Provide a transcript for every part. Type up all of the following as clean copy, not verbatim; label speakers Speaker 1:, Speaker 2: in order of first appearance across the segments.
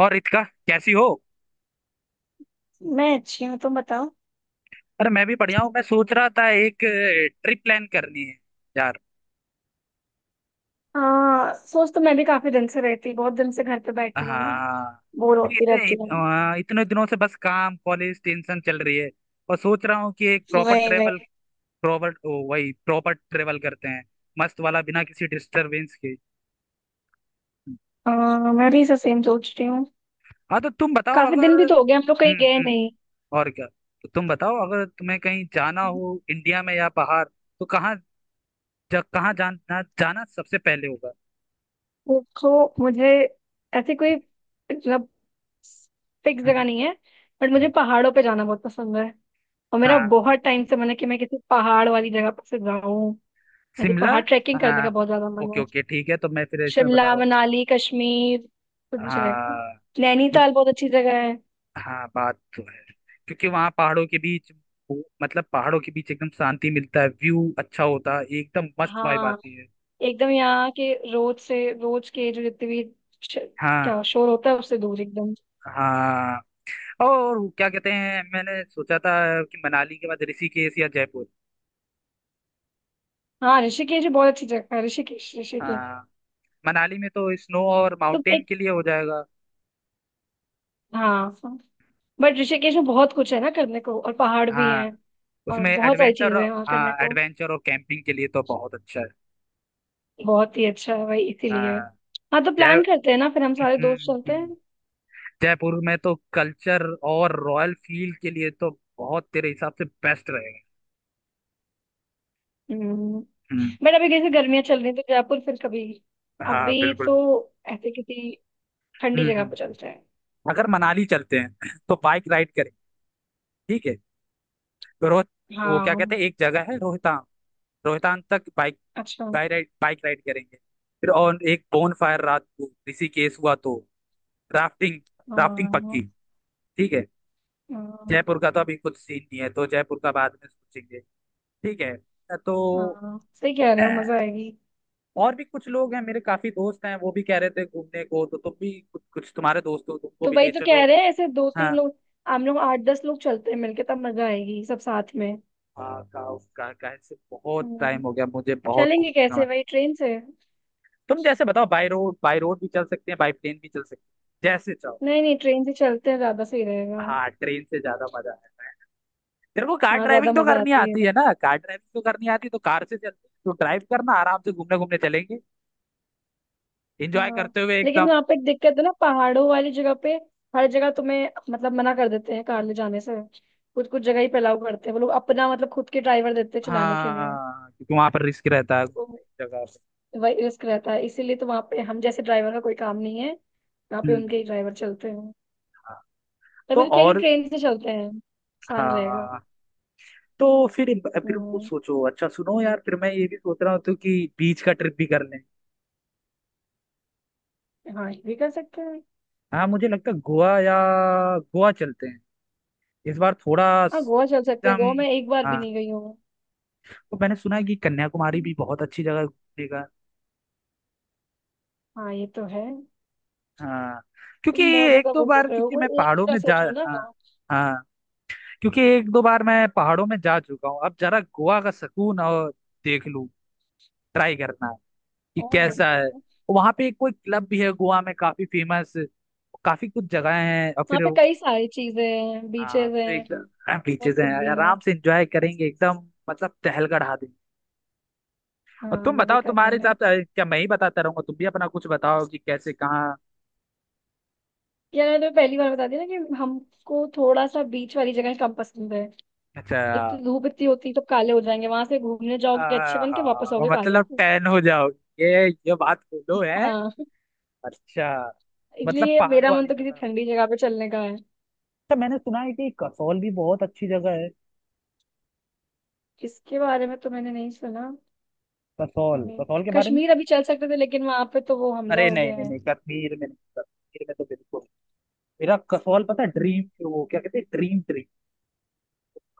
Speaker 1: और रितिका, कैसी हो?
Speaker 2: मैं अच्छी हूँ, तुम बताओ।
Speaker 1: अरे मैं भी बढ़िया हूँ। मैं सोच रहा था एक ट्रिप प्लान करनी है यार।
Speaker 2: हाँ, सोच तो मैं भी काफी दिन से रहती, बहुत दिन से घर पे बैठी हूँ ना।
Speaker 1: हाँ।
Speaker 2: बोर होती रहती हूँ।
Speaker 1: इतने दिनों से बस काम, कॉलेज, टेंशन चल रही है, और सोच रहा हूँ कि एक प्रॉपर
Speaker 2: वही
Speaker 1: ट्रेवल,
Speaker 2: वही
Speaker 1: वही प्रॉपर ट्रेवल करते हैं, मस्त वाला, बिना किसी डिस्टरबेंस के।
Speaker 2: हाँ, मैं भी इसे सेम सोच रही हूँ।
Speaker 1: हाँ, तो तुम बताओ
Speaker 2: काफी दिन
Speaker 1: अगर।
Speaker 2: भी तो हो
Speaker 1: हम्म,
Speaker 2: गए हम लोग कहीं गए
Speaker 1: हम्म।
Speaker 2: नहीं।
Speaker 1: और क्या। तो तुम बताओ, अगर तुम्हें कहीं जाना हो इंडिया में या बाहर, तो कहाँ? कहाँ जाना जाना सबसे पहले होगा।
Speaker 2: देखो, मुझे ऐसी कोई मतलब फिक्स जगह
Speaker 1: हम्म।
Speaker 2: नहीं है। बट मुझे पहाड़ों पे जाना बहुत पसंद है। और मेरा
Speaker 1: हाँ।
Speaker 2: बहुत टाइम से मन है कि मैं किसी पहाड़ वाली जगह पर से जाऊं। मुझे
Speaker 1: शिमला।
Speaker 2: पहाड़ ट्रैकिंग करने का
Speaker 1: हाँ।
Speaker 2: बहुत ज्यादा मन
Speaker 1: ओके,
Speaker 2: है।
Speaker 1: ओके, ठीक है, तो मैं फिर इसमें
Speaker 2: शिमला,
Speaker 1: बताओ।
Speaker 2: मनाली, कश्मीर, कुछ भी चलेगा।
Speaker 1: हाँ। मुझे,
Speaker 2: नैनीताल बहुत अच्छी जगह है।
Speaker 1: हाँ बात तो है, क्योंकि वहाँ पहाड़ों के बीच, मतलब पहाड़ों के बीच एकदम शांति मिलता है, व्यू अच्छा होता है, एकदम मस्त वाइब
Speaker 2: हाँ,
Speaker 1: आती है।
Speaker 2: एकदम यहाँ के रोज से रोज के जो जितने भी श-
Speaker 1: हाँ।
Speaker 2: क्या शोर होता है उससे दूर एकदम।
Speaker 1: हाँ, और क्या कहते हैं, मैंने सोचा था कि मनाली के बाद ऋषिकेश या जयपुर।
Speaker 2: हाँ, ऋषिकेश भी बहुत अच्छी जगह है। ऋषिकेश ऋषिकेश।
Speaker 1: हाँ, मनाली में तो स्नो और
Speaker 2: तो
Speaker 1: माउंटेन
Speaker 2: एक,
Speaker 1: के लिए हो जाएगा।
Speaker 2: हाँ बट ऋषिकेश में बहुत कुछ है ना करने को, और पहाड़ भी हैं।
Speaker 1: हाँ,
Speaker 2: और
Speaker 1: उसमें
Speaker 2: बहुत सारी
Speaker 1: एडवेंचर।
Speaker 2: चीजें हैं वहाँ करने
Speaker 1: हाँ,
Speaker 2: को।
Speaker 1: एडवेंचर और कैंपिंग के लिए तो बहुत अच्छा है।
Speaker 2: बहुत ही अच्छा है भाई, इसीलिए।
Speaker 1: हाँ।
Speaker 2: हाँ तो
Speaker 1: जय,
Speaker 2: प्लान करते हैं ना, फिर हम सारे दोस्त
Speaker 1: हम्म,
Speaker 2: चलते हैं।
Speaker 1: हम्म। जयपुर में तो कल्चर और रॉयल फील के लिए तो बहुत, तेरे हिसाब से बेस्ट रहेगा।
Speaker 2: हम्म।
Speaker 1: हम्म।
Speaker 2: बट अभी जैसे गर्मियां चल रही हैं, तो जयपुर फिर कभी।
Speaker 1: हाँ
Speaker 2: अभी तो
Speaker 1: बिल्कुल।
Speaker 2: ऐसे किसी ठंडी
Speaker 1: हम्म,
Speaker 2: जगह पर चलते हैं।
Speaker 1: अगर मनाली चलते हैं तो बाइक राइड करें, ठीक है, तो रोह वो क्या कहते
Speaker 2: हाँ।
Speaker 1: हैं, एक जगह है रोहतांग, रोहतांग तक बाइक,
Speaker 2: अच्छा।
Speaker 1: बाइक राइड करेंगे, फिर और एक बोन फायर रात को। ऋषिकेश हुआ तो राफ्टिंग, राफ्टिंग
Speaker 2: हाँ।
Speaker 1: पक्की, ठीक है।
Speaker 2: हाँ।
Speaker 1: जयपुर का तो अभी कुछ सीन नहीं है, तो जयपुर का बाद में सोचेंगे, ठीक है। तो
Speaker 2: हाँ सही कह रहे हो, मजा आएगी।
Speaker 1: और भी कुछ लोग हैं, मेरे काफी दोस्त हैं, वो भी कह रहे थे घूमने को, तो तुम भी कुछ, तुम्हारे दोस्त हो तुमको
Speaker 2: तो
Speaker 1: भी
Speaker 2: वही
Speaker 1: ले
Speaker 2: तो
Speaker 1: चलो।
Speaker 2: कह रहे हैं, ऐसे दो तीन
Speaker 1: हाँ।
Speaker 2: लोग। हम लोग आठ दस लोग चलते हैं मिलके, तब मजा आएगी सब साथ में।
Speaker 1: हाँ, से बहुत टाइम
Speaker 2: हम्म,
Speaker 1: हो गया, मुझे बहुत
Speaker 2: चलेंगे
Speaker 1: घूमने का
Speaker 2: कैसे,
Speaker 1: मन।
Speaker 2: वही ट्रेन से?
Speaker 1: तुम जैसे बताओ, बाय रोड, भी चल सकते हैं, बाय प्लेन भी चल सकते हैं, जैसे चाहो।
Speaker 2: नहीं नहीं, ट्रेन से चलते हैं, ज्यादा सही रहेगा।
Speaker 1: हाँ, ट्रेन से ज्यादा मजा आता है। तेरे को कार
Speaker 2: हाँ ज्यादा
Speaker 1: ड्राइविंग तो
Speaker 2: मजा
Speaker 1: करनी
Speaker 2: आती
Speaker 1: आती
Speaker 2: है।
Speaker 1: है ना, कार ड्राइविंग तो करनी आती है तो कार से चलते हैं। तो ड्राइव करना, आराम से घूमने घूमने चलेंगे, एंजॉय
Speaker 2: हाँ।
Speaker 1: करते हुए एकदम।
Speaker 2: लेकिन वहां पे एक दिक्कत है ना पहाड़ों वाली जगह पे। हर जगह तुम्हें मतलब मना कर देते हैं कार ले जाने से। कुछ कुछ जगह ही अलाउ करते हैं, वो लोग अपना मतलब खुद के ड्राइवर देते हैं चलाने के लिए।
Speaker 1: हाँ, क्योंकि वहां पर रिस्क रहता है
Speaker 2: तो
Speaker 1: घूमने की जगह पे।
Speaker 2: वही रिस्क रहता है इसीलिए, तो वहां पे हम जैसे ड्राइवर का कोई काम नहीं है, यहाँ पे
Speaker 1: हम्म।
Speaker 2: उनके ही ड्राइवर चलते हैं।
Speaker 1: हाँ। तो
Speaker 2: तभी तो कह रही हूँ
Speaker 1: और,
Speaker 2: ट्रेन से चलते हैं, आसान रहेगा।
Speaker 1: हाँ, तो फिर वो
Speaker 2: हम्म,
Speaker 1: सोचो, अच्छा सुनो यार, फिर मैं ये भी सोच रहा हूँ तो कि बीच का ट्रिप भी कर लें।
Speaker 2: हाँ ये भी कर सकते हैं।
Speaker 1: हाँ, मुझे लगता है गोवा, या गोवा चलते हैं इस बार, थोड़ा
Speaker 2: हाँ गोवा चल सकते हैं,
Speaker 1: एकदम।
Speaker 2: गोवा मैं एक बार भी
Speaker 1: हाँ,
Speaker 2: नहीं गई हूँ।
Speaker 1: तो मैंने सुना है कि कन्याकुमारी भी बहुत अच्छी जगह है घूमने का।
Speaker 2: हाँ ये तो है।
Speaker 1: हाँ, क्योंकि
Speaker 2: तुम बहुत
Speaker 1: एक
Speaker 2: ज्यादा
Speaker 1: दो
Speaker 2: वो कर
Speaker 1: बार,
Speaker 2: रहे हो,
Speaker 1: क्योंकि मैं
Speaker 2: कोई एक
Speaker 1: पहाड़ों
Speaker 2: जगह
Speaker 1: में जा
Speaker 2: सोचो ना।
Speaker 1: हाँ। हाँ, क्योंकि एक दो बार मैं पहाड़ों में जा चुका हूँ, अब जरा गोवा का सुकून और देख लूँ, ट्राई करना कि कैसा है।
Speaker 2: ओह,
Speaker 1: वहां पे एक कोई क्लब भी है गोवा में, काफी फेमस, काफी कुछ जगह हैं, और
Speaker 2: वहाँ
Speaker 1: फिर,
Speaker 2: पे कई सारी चीजें हैं,
Speaker 1: हाँ,
Speaker 2: बीचेस
Speaker 1: तो
Speaker 2: हैं।
Speaker 1: एकदम
Speaker 2: बहुत
Speaker 1: बीचेस
Speaker 2: कुछ
Speaker 1: हैं,
Speaker 2: भी है।
Speaker 1: आराम से एंजॉय करेंगे एकदम, मतलब टहलगढ़ आ देंगे। और
Speaker 2: हाँ
Speaker 1: तुम
Speaker 2: मजे
Speaker 1: बताओ, तुम्हारे
Speaker 2: करेंगे।
Speaker 1: हिसाब से क्या, मैं ही बताता रहूंगा, तुम भी अपना कुछ बताओ कि कैसे, कहाँ।
Speaker 2: यार, मैंने तुम्हें पहली बार बता दिया ना कि हमको थोड़ा सा बीच वाली जगह कम पसंद है। एक तो
Speaker 1: अच्छा,
Speaker 2: धूप इतनी होती है, तो काले हो जाएंगे। वहां से घूमने जाओगे अच्छे बन के, वापस
Speaker 1: हाँ
Speaker 2: आओगे काले
Speaker 1: मतलब
Speaker 2: होके।
Speaker 1: टैन हो जाओगे, ये बात बोलो है।
Speaker 2: हाँ।
Speaker 1: अच्छा, मतलब
Speaker 2: इसलिए
Speaker 1: पहाड़ों
Speaker 2: मेरा मन
Speaker 1: वाली
Speaker 2: तो किसी
Speaker 1: जगह।
Speaker 2: ठंडी जगह पे चलने का है।
Speaker 1: अच्छा, मैंने सुना है कि कसौल भी बहुत अच्छी जगह है,
Speaker 2: इसके बारे में तो मैंने नहीं सुना।
Speaker 1: कसौल
Speaker 2: हमें-
Speaker 1: कसौल के बारे में
Speaker 2: कश्मीर अभी
Speaker 1: नहीं।
Speaker 2: चल सकते थे, लेकिन वहां पे तो वो हमला
Speaker 1: अरे
Speaker 2: हो
Speaker 1: नहीं
Speaker 2: गया
Speaker 1: नहीं
Speaker 2: है।
Speaker 1: नहीं, कश्मीर में नहीं, कश्मीर में तो बिल्कुल नहीं। मेरा कसौल, पता है,
Speaker 2: हम्म,
Speaker 1: ड्रीम, वो क्या कहते हैं, ड्रीम ट्री,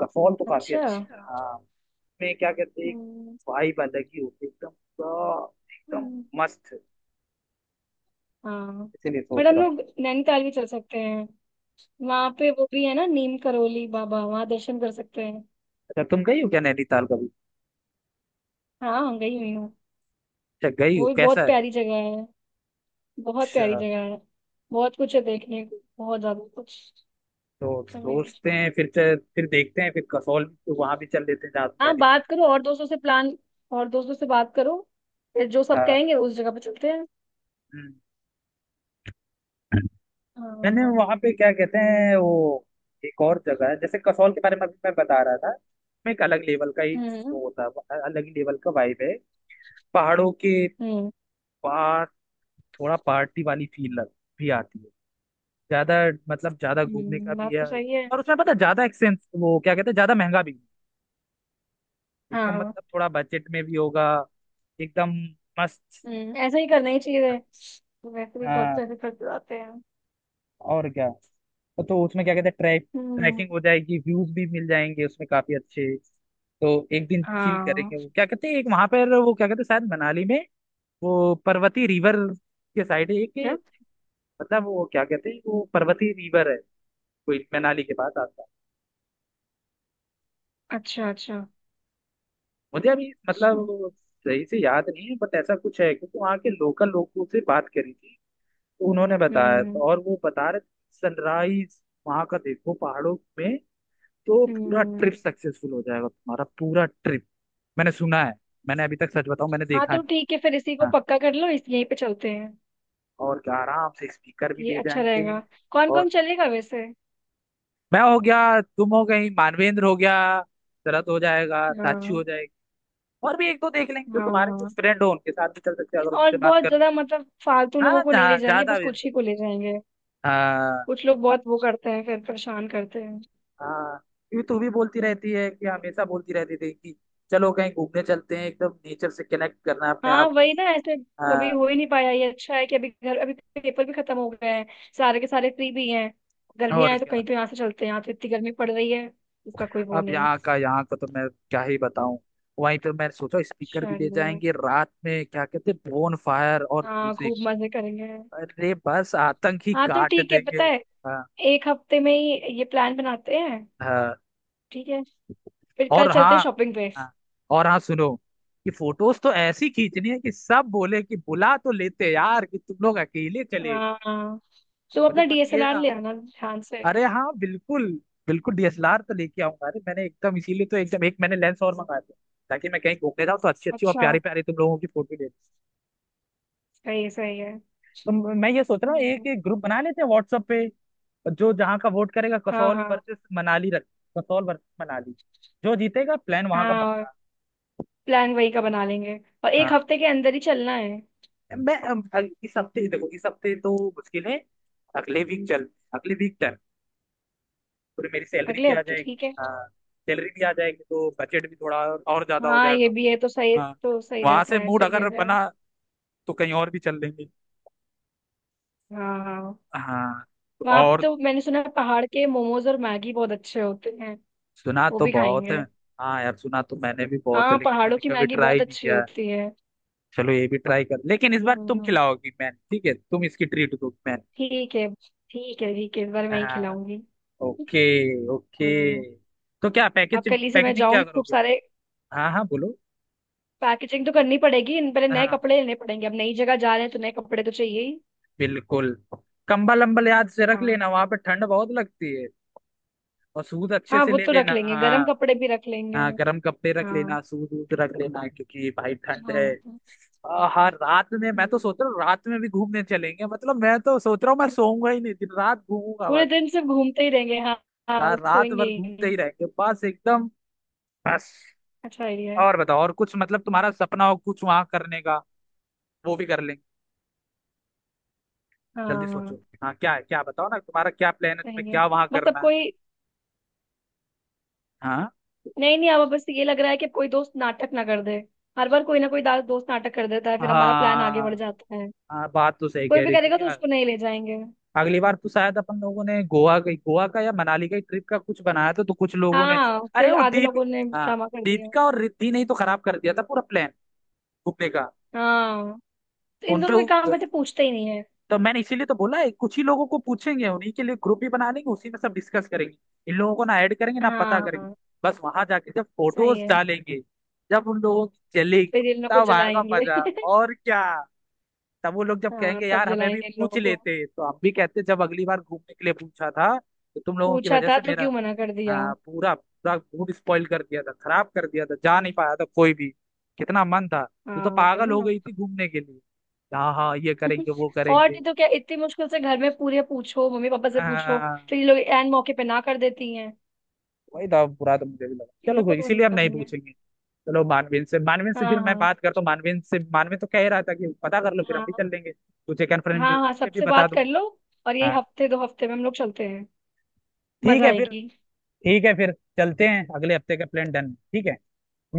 Speaker 1: कसौल तो काफी
Speaker 2: अच्छा।
Speaker 1: अच्छा है हाँ, में क्या कहते हैं,
Speaker 2: हम्म,
Speaker 1: वाइब अलग ही होती है, एकदम, पूरा- एकदम
Speaker 2: हम्म,
Speaker 1: मस्त।
Speaker 2: हाँ।
Speaker 1: इसीलिए
Speaker 2: बट
Speaker 1: सोच
Speaker 2: हम
Speaker 1: रहा हूँ।
Speaker 2: लोग नैनीताल भी चल सकते हैं। वहां पे वो भी है ना, नीम करोली बाबा, वहां दर्शन कर सकते हैं।
Speaker 1: अच्छा, तुम गई हो क्या नैनीताल कभी?
Speaker 2: हाँ गई हुई हूँ।
Speaker 1: अच्छा, गई हो,
Speaker 2: वो भी
Speaker 1: कैसा
Speaker 2: बहुत
Speaker 1: है?
Speaker 2: प्यारी जगह है, बहुत प्यारी
Speaker 1: अच्छा,
Speaker 2: जगह है। बहुत कुछ है देखने को, बहुत ज्यादा कुछ।
Speaker 1: तो
Speaker 2: रमेश,
Speaker 1: सोचते हैं फिर देखते हैं, फिर कसौल तो वहां भी चल लेते हैं, जहाँ
Speaker 2: हाँ
Speaker 1: नैनीताल।
Speaker 2: बात करो और दोस्तों से, प्लान और दोस्तों से बात करो। फिर जो सब
Speaker 1: हाँ।
Speaker 2: कहेंगे उस जगह पे चलते हैं।
Speaker 1: हम्म। मैंने
Speaker 2: हाँ।
Speaker 1: वहां पे क्या कहते हैं वो, एक और जगह है जैसे कसौल के बारे में अभी मैं बता रहा था, उसमें एक अलग लेवल का ही
Speaker 2: हम्म
Speaker 1: वो होता है, अलग ही लेवल का वाइब है, पहाड़ों के
Speaker 2: हम्म
Speaker 1: पास, थोड़ा पार्टी वाली फील लग भी आती है ज्यादा, मतलब ज्यादा घूमने का भी
Speaker 2: बात तो
Speaker 1: है,
Speaker 2: सही है।
Speaker 1: और उसमें पता है, ज्यादा एक्सपेंस, वो क्या कहते हैं, ज्यादा महंगा भी नहीं। एकदम
Speaker 2: हाँ।
Speaker 1: मतलब थोड़ा बजट में भी होगा, एकदम मस्त।
Speaker 2: हम्म, ऐसा ही करना ही चाहिए। वैसे भी बहुत
Speaker 1: हाँ,
Speaker 2: पैसे खर्च हो जाते हैं।
Speaker 1: और क्या, तो उसमें क्या कहते हैं,
Speaker 2: हम्म।
Speaker 1: ट्रैकिंग हो जाएगी, व्यूज भी मिल जाएंगे उसमें काफी अच्छे। तो एक दिन चिल करेंगे,
Speaker 2: हाँ।
Speaker 1: वो क्या कहते हैं, एक वहां पर, वो क्या कहते हैं, शायद मनाली में, वो पर्वती रिवर के साइड है
Speaker 2: क्या?
Speaker 1: एक, मतलब वो क्या कहते हैं, वो पर्वती रिवर है, कोई मनाली के पास आता।
Speaker 2: अच्छा, अच्छा।
Speaker 1: मुझे अभी
Speaker 2: अच्छा।
Speaker 1: मतलब सही से याद नहीं है, बट ऐसा कुछ है क्योंकि वहाँ के लोकल लोगों से बात करी थी, तो उन्होंने बताया,
Speaker 2: हम्म
Speaker 1: तो और वो बता रहे थे, सनराइज वहाँ का देखो पहाड़ों में, तो पूरा
Speaker 2: हम्म
Speaker 1: ट्रिप सक्सेसफुल हो जाएगा तुम्हारा, पूरा ट्रिप। मैंने सुना है, मैंने अभी तक, सच बताऊं, मैंने
Speaker 2: हाँ
Speaker 1: देखा
Speaker 2: तो
Speaker 1: नहीं।
Speaker 2: ठीक है, फिर इसी को
Speaker 1: हाँ,
Speaker 2: पक्का कर लो, इस यहीं पे चलते हैं।
Speaker 1: और क्या, आराम से स्पीकर भी
Speaker 2: ये
Speaker 1: दे
Speaker 2: अच्छा
Speaker 1: जाएंगे।
Speaker 2: रहेगा। कौन कौन
Speaker 1: और
Speaker 2: चलेगा वैसे?
Speaker 1: मैं हो गया, तुम हो गई, मानवेंद्र हो गया, शरद हो जाएगा, साक्षी
Speaker 2: हाँ।
Speaker 1: हो जाएगी, और भी एक दो देख लेंगे, जो
Speaker 2: हाँ।
Speaker 1: तुम्हारे कुछ
Speaker 2: हाँ।
Speaker 1: फ्रेंड हो उनके साथ भी चल सकते हैं, अगर
Speaker 2: और
Speaker 1: उनसे बात
Speaker 2: बहुत
Speaker 1: कर लो।
Speaker 2: ज्यादा मतलब फालतू लोगों
Speaker 1: हाँ,
Speaker 2: को नहीं ले
Speaker 1: जहाँ
Speaker 2: जाएंगे,
Speaker 1: ज्यादा
Speaker 2: बस
Speaker 1: भी,
Speaker 2: कुछ ही को ले जाएंगे।
Speaker 1: हाँ।
Speaker 2: कुछ लोग बहुत वो करते हैं, फिर परेशान करते हैं।
Speaker 1: हाँ, क्योंकि तू भी बोलती रहती है कि, हमेशा बोलती रहती थी कि चलो कहीं घूमने चलते हैं, एकदम नेचर से कनेक्ट करना है अपने
Speaker 2: हाँ
Speaker 1: आप को।
Speaker 2: वही ना, ऐसे कभी
Speaker 1: हाँ,
Speaker 2: हो ही नहीं पाया। ये अच्छा है कि अभी घर अभी पेपर भी खत्म हो गए हैं, सारे के सारे फ्री भी हैं। गर्मियाँ
Speaker 1: और
Speaker 2: है तो
Speaker 1: क्या।
Speaker 2: कहीं तो यहाँ से चलते हैं, यहाँ तो इतनी गर्मी पड़ रही है, उसका कोई वो
Speaker 1: अब
Speaker 2: नहीं।
Speaker 1: यहाँ का तो मैं क्या ही बताऊं। वहीं पे मैंने सोचा स्पीकर भी ले
Speaker 2: चलो।
Speaker 1: जाएंगे, रात में क्या कहते हैं, बोन फायर और
Speaker 2: हाँ
Speaker 1: म्यूजिक।
Speaker 2: खूब मजे करेंगे।
Speaker 1: अरे बस आतंक ही
Speaker 2: हाँ तो
Speaker 1: काट
Speaker 2: ठीक है,
Speaker 1: देंगे।
Speaker 2: पता है,
Speaker 1: हाँ।
Speaker 2: एक हफ्ते में ही ये प्लान बनाते हैं।
Speaker 1: हाँ,
Speaker 2: ठीक है, फिर कल
Speaker 1: और
Speaker 2: चलते
Speaker 1: हाँ,
Speaker 2: हैं शॉपिंग पे।
Speaker 1: हाँ, और हाँ सुनो, कि फोटोज तो ऐसी खींचनी है कि सब बोले कि बुला तो लेते यार कि तुम लोग अकेले चले गए।
Speaker 2: हाँ, हाँ तो
Speaker 1: मुझे
Speaker 2: अपना
Speaker 1: बस ये,
Speaker 2: डीएसएलआर ले आना ध्यान से।
Speaker 1: अरे हाँ बिल्कुल, बिल्कुल डीएसएलआर तो लेके आऊंगा, अरे मैंने एकदम इसीलिए तो एकदम एक मैंने लेंस और मंगाया था, ताकि मैं कहीं घूमने जाऊँ तो अच्छी अच्छी और
Speaker 2: अच्छा,
Speaker 1: प्यारी प्यारी तुम लोगों की फोटो।
Speaker 2: सही है, सही है।
Speaker 1: तो मैं ये सोच रहा हूँ, एक
Speaker 2: हम्म,
Speaker 1: एक ग्रुप बना लेते हैं व्हाट्सएप पे, जो जहाँ का वोट करेगा,
Speaker 2: हाँ,
Speaker 1: कसौल
Speaker 2: हाँ।
Speaker 1: वर्सेस मनाली रख, कसौल वर्सेस मनाली, जो जीतेगा प्लान वहां का
Speaker 2: हाँ,
Speaker 1: पक्का।
Speaker 2: प्लान वही का बना लेंगे, और एक
Speaker 1: हाँ,
Speaker 2: हफ्ते के अंदर ही चलना है।
Speaker 1: मैं इस हफ्ते, देखो इस हफ्ते तो मुश्किल है, अगले वीक चल, अगले वीक डन, फिर मेरी सैलरी
Speaker 2: अगले
Speaker 1: भी आ
Speaker 2: हफ्ते
Speaker 1: जाएगी।
Speaker 2: ठीक है।
Speaker 1: हाँ, सैलरी भी आ जाएगी तो बजट भी थोड़ा और ज्यादा हो
Speaker 2: हाँ ये
Speaker 1: जाएगा।
Speaker 2: भी है तो सही,
Speaker 1: हाँ।
Speaker 2: तो सही
Speaker 1: वहां
Speaker 2: रहता
Speaker 1: से
Speaker 2: है,
Speaker 1: मूड
Speaker 2: सही कह
Speaker 1: अगर
Speaker 2: रहे हो।
Speaker 1: बना तो कहीं और भी चल लेंगे।
Speaker 2: हाँ। हाँ।
Speaker 1: हाँ, तो
Speaker 2: वहाँ पे
Speaker 1: और,
Speaker 2: तो मैंने सुना है पहाड़ के मोमोज और मैगी बहुत अच्छे होते हैं,
Speaker 1: सुना
Speaker 2: वो
Speaker 1: तो
Speaker 2: भी
Speaker 1: बहुत है।
Speaker 2: खाएंगे।
Speaker 1: हाँ यार, सुना तो मैंने भी बहुत है,
Speaker 2: हाँ
Speaker 1: लेकिन
Speaker 2: पहाड़ों
Speaker 1: मैंने
Speaker 2: की
Speaker 1: कभी
Speaker 2: मैगी बहुत
Speaker 1: ट्राई नहीं
Speaker 2: अच्छी
Speaker 1: किया।
Speaker 2: होती है।
Speaker 1: चलो ये भी ट्राई कर, लेकिन इस बार तुम
Speaker 2: हम्म,
Speaker 1: खिलाओगी मैन, ठीक है, तुम इसकी ट्रीट दो मैन।
Speaker 2: ठीक है। ठीक है, ठीक है, इस बार मैं ही
Speaker 1: हाँ।
Speaker 2: खिलाऊंगी।
Speaker 1: Okay, okay.
Speaker 2: हम्म।
Speaker 1: तो क्या
Speaker 2: अब
Speaker 1: पैकेज,
Speaker 2: कल ही से मैं
Speaker 1: पैकेजिंग क्या
Speaker 2: जाऊंगी खूब
Speaker 1: करोगे?
Speaker 2: सारे।
Speaker 1: हाँ हाँ बोलो।
Speaker 2: पैकेजिंग तो करनी पड़ेगी, इन पहले नए
Speaker 1: हाँ
Speaker 2: कपड़े लेने पड़ेंगे, अब नई जगह जा रहे हैं तो नए कपड़े तो चाहिए ही।
Speaker 1: बिल्कुल, कंबल अम्बल याद से रख
Speaker 2: हाँ।
Speaker 1: लेना, वहां पे ठंड बहुत लगती है, और सूद अच्छे
Speaker 2: हाँ
Speaker 1: से
Speaker 2: वो
Speaker 1: ले
Speaker 2: तो रख
Speaker 1: लेना,
Speaker 2: लेंगे, गर्म
Speaker 1: हाँ,
Speaker 2: कपड़े भी रख लेंगे।
Speaker 1: हाँ गर्म कपड़े रख
Speaker 2: हाँ।
Speaker 1: लेना, सूद वूद रख लेना, क्योंकि भाई ठंड है।
Speaker 2: हाँ।
Speaker 1: हाँ, रात में मैं
Speaker 2: हम्म,
Speaker 1: तो सोच रहा हूँ रात में भी घूमने चलेंगे, मतलब मैं तो सोच रहा हूँ, मैं सोऊंगा ही नहीं, दिन रात घूमूंगा।
Speaker 2: पूरे दिन सिर्फ घूमते ही रहेंगे। हाँ, हाँ
Speaker 1: यार रात
Speaker 2: सोएंगे
Speaker 1: भर
Speaker 2: ही
Speaker 1: घूमते
Speaker 2: नहीं।
Speaker 1: ही रहेंगे, बस एकदम, बस।
Speaker 2: अच्छा आइडिया है।
Speaker 1: और बताओ, और कुछ मतलब
Speaker 2: हम्म,
Speaker 1: तुम्हारा सपना हो कुछ वहां करने का, वो भी कर लेंगे, जल्दी सोचो,
Speaker 2: हाँ।
Speaker 1: हाँ क्या है, क्या बताओ ना, तुम्हारा क्या प्लान है, तुम्हें
Speaker 2: सही है।
Speaker 1: क्या वहां
Speaker 2: बस अब
Speaker 1: करना है।
Speaker 2: कोई,
Speaker 1: हाँ।
Speaker 2: नहीं नहीं, अब बस ये लग रहा है कि अब कोई दोस्त नाटक ना कर दे। हर बार कोई ना कोई दोस्त नाटक कर देता है, फिर हमारा प्लान आगे बढ़
Speaker 1: हाँ।
Speaker 2: जाता है।
Speaker 1: हाँ, बात तो सही
Speaker 2: कोई
Speaker 1: कह
Speaker 2: भी
Speaker 1: रही,
Speaker 2: करेगा
Speaker 1: क्योंकि
Speaker 2: तो
Speaker 1: यार,
Speaker 2: उसको नहीं ले जाएंगे।
Speaker 1: अगली बार तो शायद अपन लोगों ने गोवा का या मनाली का ट्रिप का कुछ बनाया था, तो कुछ लोगों ने,
Speaker 2: हाँ
Speaker 1: अरे
Speaker 2: फिर
Speaker 1: वो
Speaker 2: आधे
Speaker 1: दीप
Speaker 2: लोगों ने
Speaker 1: हाँ,
Speaker 2: ड्रामा कर दिया।
Speaker 1: दीपिका और रिद्धि ने ही तो खराब कर दिया था पूरा प्लान घूमने का।
Speaker 2: हाँ तो इन दोनों
Speaker 1: उनपे,
Speaker 2: के काम करते पूछते ही नहीं है।
Speaker 1: तो मैंने इसीलिए तो बोला है कुछ ही लोगों को पूछेंगे, उन्हीं के लिए ग्रुप भी बना लेंगे, उसी में सब डिस्कस करेंगे, इन लोगों को ना ऐड करेंगे ना पता
Speaker 2: हाँ।
Speaker 1: करेंगे।
Speaker 2: हाँ।
Speaker 1: बस वहां जाके जब
Speaker 2: सही
Speaker 1: फोटोज
Speaker 2: है,
Speaker 1: डालेंगे, जब उन लोगों की चलेगी,
Speaker 2: फिर इन लोग को
Speaker 1: तब आएगा
Speaker 2: जलाएंगे
Speaker 1: मजा। और क्या, तब वो लोग जब
Speaker 2: हाँ
Speaker 1: कहेंगे
Speaker 2: तब
Speaker 1: यार हमें भी
Speaker 2: जलाएंगे इन
Speaker 1: पूछ
Speaker 2: लोगों को,
Speaker 1: लेते तो हम भी कहते, जब अगली बार घूमने के लिए पूछा था तो तुम लोगों की
Speaker 2: पूछा
Speaker 1: वजह
Speaker 2: था
Speaker 1: से
Speaker 2: तो
Speaker 1: मेरा,
Speaker 2: क्यों मना कर दिया।
Speaker 1: हाँ, पूरा पूरा मूड स्पॉइल कर दिया था, खराब कर दिया था, जा नहीं पाया था कोई भी, कितना मन था, तू
Speaker 2: हाँ
Speaker 1: तो
Speaker 2: वही
Speaker 1: पागल हो
Speaker 2: ना।
Speaker 1: गई थी घूमने के लिए, हाँ हाँ ये करेंगे वो
Speaker 2: और नहीं
Speaker 1: करेंगे।
Speaker 2: तो क्या, इतनी मुश्किल से घर में पूरे पूछो, मम्मी पापा से पूछो,
Speaker 1: हाँ,
Speaker 2: तो ये लोग एन मौके पे ना कर देती हैं।
Speaker 1: वही था, बुरा तो मुझे भी लगा,
Speaker 2: इन
Speaker 1: चलो
Speaker 2: लोग को
Speaker 1: कोई,
Speaker 2: तो कोई
Speaker 1: इसीलिए हम
Speaker 2: मतलब
Speaker 1: नहीं
Speaker 2: नहीं है।
Speaker 1: पूछेंगे। चलो, मानवीन से फिर
Speaker 2: हाँ,
Speaker 1: मैं
Speaker 2: हाँ।
Speaker 1: बात करता हूँ, मानवीन से, मानवीन तो कह ही रहा था कि पता कर लो फिर हम
Speaker 2: हाँ।
Speaker 1: भी चल लेंगे, तुझे कन्फर्म
Speaker 2: हाँ। हाँ
Speaker 1: पे भी
Speaker 2: सबसे
Speaker 1: बता
Speaker 2: बात कर लो।
Speaker 1: दूंगा।
Speaker 2: और यही
Speaker 1: हाँ
Speaker 2: हफ्ते दो हफ्ते में हम लोग चलते हैं,
Speaker 1: ठीक
Speaker 2: मजा
Speaker 1: है फिर,
Speaker 2: आएगी।
Speaker 1: ठीक है फिर, चलते हैं, अगले हफ्ते का प्लान डन, ठीक है,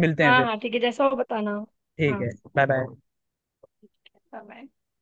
Speaker 1: मिलते हैं
Speaker 2: हाँ
Speaker 1: फिर।
Speaker 2: हाँ ठीक है, जैसा हो बताना।
Speaker 1: ठीक
Speaker 2: हाँ।
Speaker 1: है। Bye bye.
Speaker 2: ठीक है, bye-bye।